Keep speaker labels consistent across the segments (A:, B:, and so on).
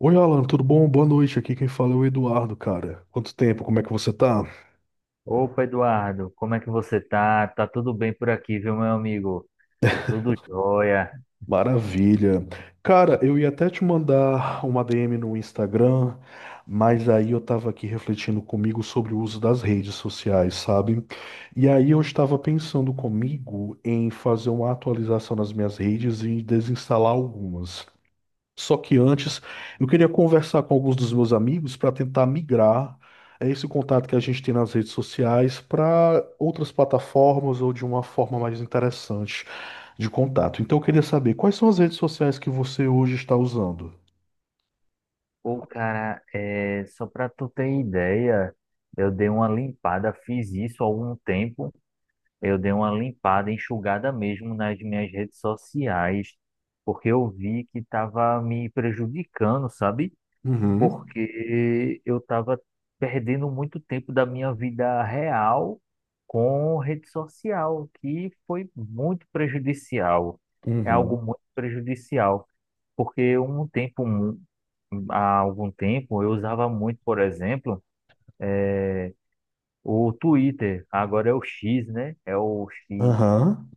A: Oi, Alan, tudo bom? Boa noite. Aqui quem fala é o Eduardo, cara. Quanto tempo? Como é que você tá?
B: Opa, Eduardo, como é que você tá? Tá tudo bem por aqui, viu, meu amigo? Tudo jóia.
A: Maravilha. Cara, eu ia até te mandar uma DM no Instagram, mas aí eu tava aqui refletindo comigo sobre o uso das redes sociais, sabe? E aí eu estava pensando comigo em fazer uma atualização nas minhas redes e desinstalar algumas. Só que antes, eu queria conversar com alguns dos meus amigos para tentar migrar esse contato que a gente tem nas redes sociais para outras plataformas ou de uma forma mais interessante de contato. Então, eu queria saber quais são as redes sociais que você hoje está usando?
B: Pô, cara, só pra tu ter ideia, eu dei uma limpada, fiz isso há algum tempo. Eu dei uma limpada, enxugada mesmo nas minhas redes sociais, porque eu vi que tava me prejudicando, sabe?
A: Uhum.
B: Porque eu estava perdendo muito tempo da minha vida real com rede social, que foi muito prejudicial. É algo
A: Uhum.
B: muito prejudicial, porque há algum tempo, eu usava muito, por exemplo, o Twitter, agora é o X, né? É o X.
A: Aham.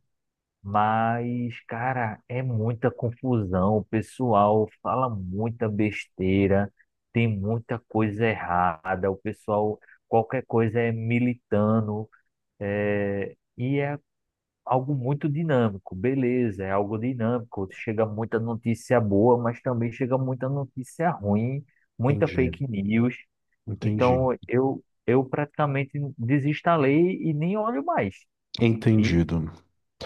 B: Mas, cara, é muita confusão. O pessoal fala muita besteira, tem muita coisa errada. O pessoal, qualquer coisa é militando, e é algo muito dinâmico. Beleza, é algo dinâmico. Chega muita notícia boa, mas também chega muita notícia ruim, muita
A: Entendi.
B: fake news.
A: Entendi.
B: Então, eu praticamente desinstalei e nem olho mais. E
A: Entendido.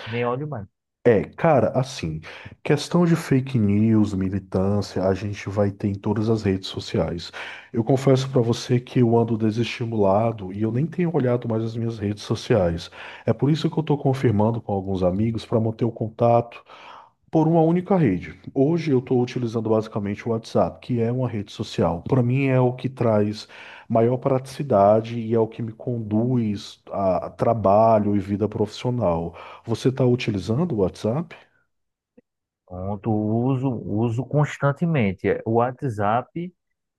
B: nem olho mais.
A: É, cara, assim, questão de fake news, militância, a gente vai ter em todas as redes sociais. Eu confesso pra você que eu ando desestimulado e eu nem tenho olhado mais as minhas redes sociais. É por isso que eu tô confirmando com alguns amigos pra manter o contato por uma única rede. Hoje eu tô utilizando basicamente o WhatsApp, que é uma rede social. Pra mim é o que traz maior praticidade e é o que me conduz a trabalho e vida profissional. Você está utilizando o WhatsApp?
B: Pronto, uso constantemente é, o WhatsApp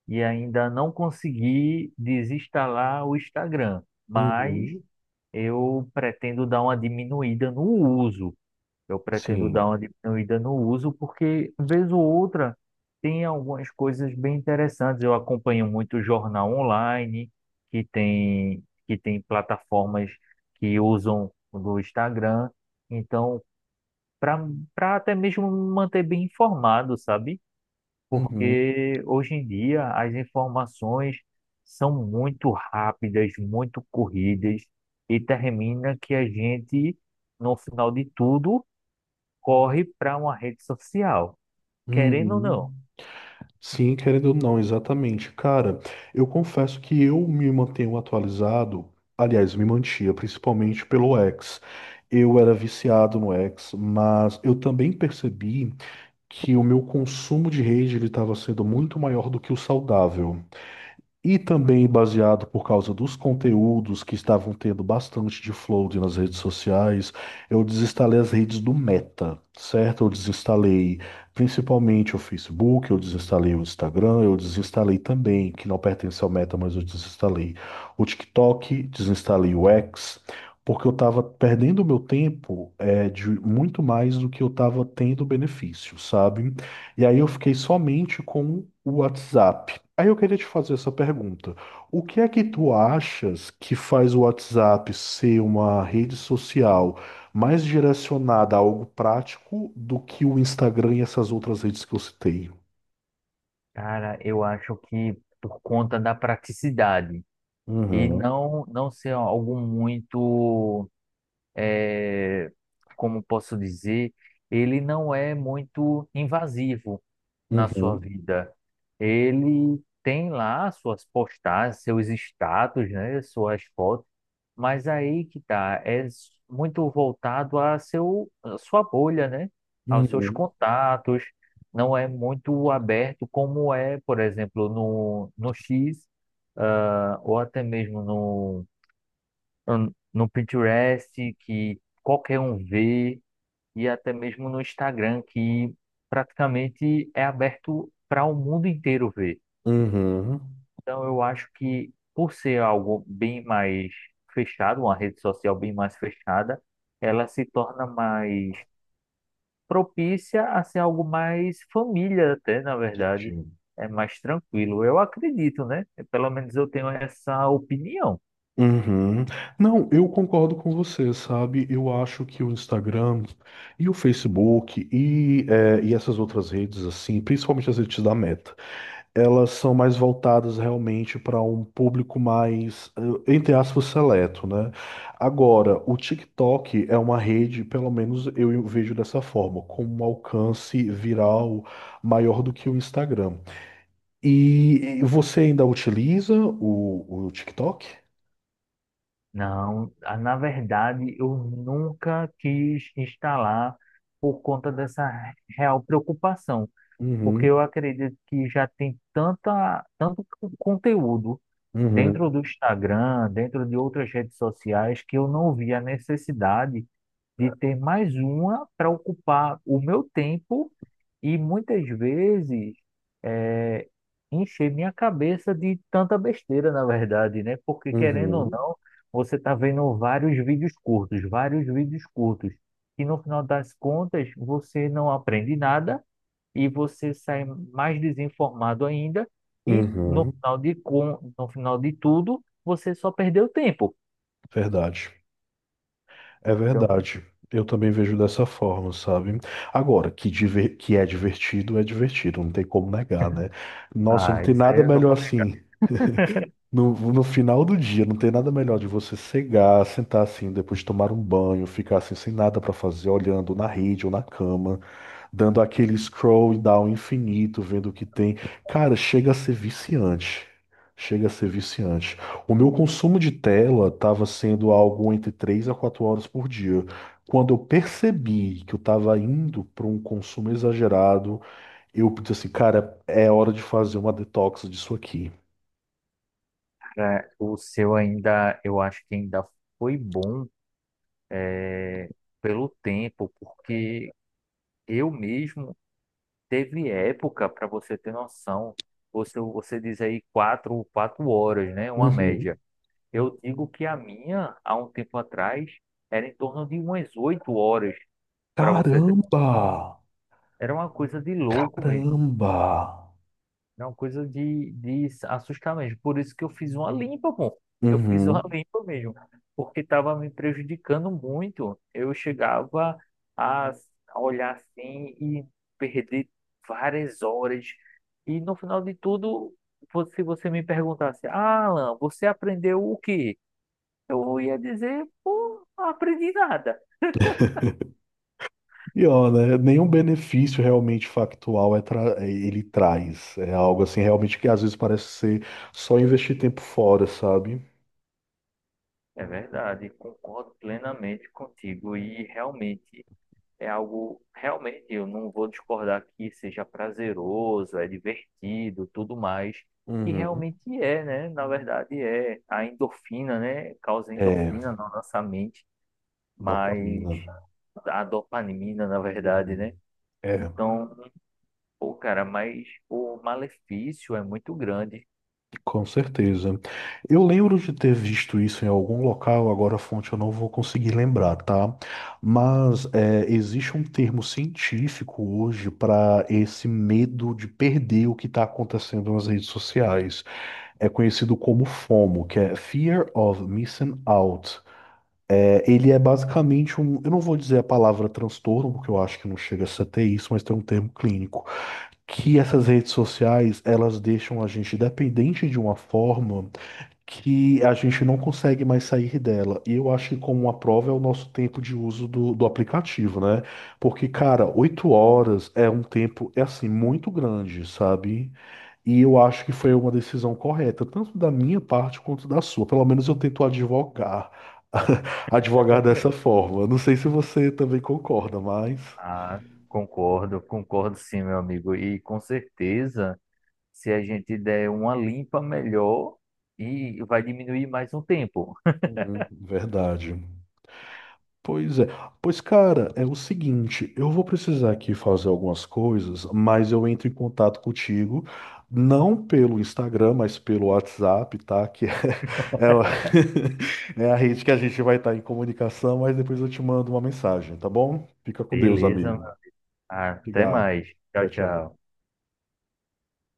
B: e ainda não consegui desinstalar o Instagram, mas
A: Uhum.
B: eu pretendo dar uma diminuída no uso. Eu pretendo dar
A: Sim.
B: uma diminuída no uso porque, vez ou outra, tem algumas coisas bem interessantes. Eu acompanho muito jornal online, que tem plataformas que usam do Instagram. Então, para para até mesmo me manter bem informado, sabe?
A: Uhum,
B: Porque hoje em dia as informações são muito rápidas, muito corridas, e termina que a gente, no final de tudo, corre para uma rede social, querendo ou não.
A: uhum. Sim, querendo ou não, exatamente. Cara, eu confesso que eu me mantenho atualizado, aliás, me mantinha, principalmente pelo X. Eu era viciado no X, mas eu também percebi que o meu consumo de rede ele estava sendo muito maior do que o saudável. E também baseado por causa dos conteúdos que estavam tendo bastante de flood nas redes sociais, eu desinstalei as redes do Meta, certo? Eu desinstalei principalmente o Facebook, eu desinstalei o Instagram, eu desinstalei também, que não pertence ao Meta, mas eu desinstalei o TikTok, desinstalei o X, porque eu estava perdendo o meu tempo de muito mais do que eu estava tendo benefício, sabe? E aí eu fiquei somente com o WhatsApp. Aí eu queria te fazer essa pergunta. O que é que tu achas que faz o WhatsApp ser uma rede social mais direcionada a algo prático do que o Instagram e essas outras redes que eu citei?
B: Cara, eu acho que por conta da praticidade e
A: Uhum,
B: não ser algo muito, eh, como posso dizer, ele não é muito invasivo na sua
A: uhum,
B: vida. Ele tem lá suas postagens, seus status, né, suas fotos, mas aí que tá, é muito voltado a a sua bolha, né, aos seus
A: uhum,
B: contatos, não é muito aberto como é, por exemplo, no X, ah, ou até mesmo no Pinterest, que qualquer um vê e até mesmo no Instagram, que praticamente é aberto para o mundo inteiro ver.
A: uhum,
B: Então, eu acho que por ser algo bem mais fechado, uma rede social bem mais fechada, ela se torna mais propícia a ser algo mais família, até na verdade,
A: Entendi.
B: é mais tranquilo. Eu acredito, né? Pelo menos eu tenho essa opinião.
A: Uhum. Não, eu concordo com você, sabe? Eu acho que o Instagram e o Facebook e essas outras redes, assim, principalmente as redes da Meta. Elas são mais voltadas realmente para um público mais, entre aspas, seleto, né? Agora, o TikTok é uma rede, pelo menos eu vejo dessa forma, com um alcance viral maior do que o Instagram. E você ainda utiliza o TikTok?
B: Não, ah, na verdade, eu nunca quis instalar por conta dessa real preocupação, porque
A: Uhum,
B: eu acredito que já tem conteúdo
A: uhum,
B: dentro do Instagram, dentro de outras redes sociais, que eu não vi a necessidade de ter mais uma para ocupar o meu tempo e muitas vezes eh, encher minha cabeça de tanta besteira, na verdade, né? Porque querendo ou
A: uhum,
B: não, você está vendo vários vídeos curtos, e no final das contas você não aprende nada e você sai mais desinformado ainda, e
A: uhum.
B: no final de tudo, você só perdeu tempo.
A: Verdade. É
B: Então,
A: verdade. Eu também vejo dessa forma, sabe? Agora, que é divertido, não tem como negar, né? Nossa, não
B: ah,
A: tem
B: isso aí
A: nada
B: eu não
A: melhor
B: falei.
A: assim no final do dia, não tem nada melhor de você cegar, sentar assim, depois de tomar um banho, ficar assim sem nada pra fazer, olhando na rede ou na cama, dando aquele scroll down infinito, vendo o que tem. Cara, chega a ser viciante. Chega a ser viciante. O meu consumo de tela estava sendo algo entre 3 a 4 horas por dia. Quando eu percebi que eu estava indo para um consumo exagerado, eu disse assim, cara, é hora de fazer uma detox disso aqui.
B: É, o seu ainda, eu acho que ainda foi bom pelo tempo, porque eu mesmo teve época, para você ter noção, você diz aí quatro horas, né? Uma
A: Uhum.
B: média. Eu digo que a minha, há um tempo atrás, era em torno de umas 8 horas, para você ter noção.
A: Caramba!
B: Era uma coisa de louco mesmo.
A: Caramba!
B: É uma coisa de assustar mesmo. Por isso que eu fiz uma limpa, pô. Eu fiz uma
A: Uhum.
B: limpa mesmo. Porque estava me prejudicando muito. Eu chegava a a olhar assim e perder várias horas. E no final de tudo, se você me perguntasse, ah, Alan, você aprendeu o quê? Eu ia dizer, pô, não aprendi nada.
A: E ó, né? Nenhum benefício realmente factual ele traz. É algo assim realmente que às vezes parece ser só investir tempo fora, sabe?
B: É verdade, concordo plenamente contigo. E realmente. É algo realmente, eu não vou discordar que seja prazeroso, é divertido, tudo mais, que
A: Uhum.
B: realmente é, né? Na verdade é a endorfina, né? Causa
A: É,
B: endorfina na nossa mente, mas
A: dopamina.
B: a dopamina, na verdade,
A: Uhum.
B: né?
A: É.
B: Então, pô, cara, mas o malefício é muito grande.
A: Com certeza. Eu lembro de ter visto isso em algum local, agora a fonte eu não vou conseguir lembrar, tá? Mas é, existe um termo científico hoje para esse medo de perder o que está acontecendo nas redes sociais. É conhecido como FOMO, que é Fear of Missing Out. É, ele é basicamente um, eu não vou dizer a palavra transtorno, porque eu acho que não chega a ser até isso, mas tem um termo clínico, que essas redes sociais, elas deixam a gente dependente de uma forma que a gente não consegue mais sair dela. E eu acho que como uma prova é o nosso tempo de uso do aplicativo, né? Porque, cara, 8 horas é um tempo, é assim, muito grande, sabe? E eu acho que foi uma decisão correta, tanto da minha parte quanto da sua. Pelo menos eu tento advogar, advogar dessa forma. Não sei se você também concorda, mas...
B: Ah, concordo, concordo sim, meu amigo. E com certeza, se a gente der uma limpa melhor, e vai diminuir mais um tempo.
A: Uhum, verdade. Pois é. Pois, cara, é o seguinte, eu vou precisar aqui fazer algumas coisas, mas eu entro em contato contigo, não pelo Instagram, mas pelo WhatsApp, tá? É, o- é a rede que a gente vai estar em comunicação, mas depois eu te mando uma mensagem, tá bom? Fica com Deus,
B: Beleza,
A: amigo.
B: mano. Até mais.
A: Obrigado.
B: Tchau,
A: Tchau, tchau.
B: tchau.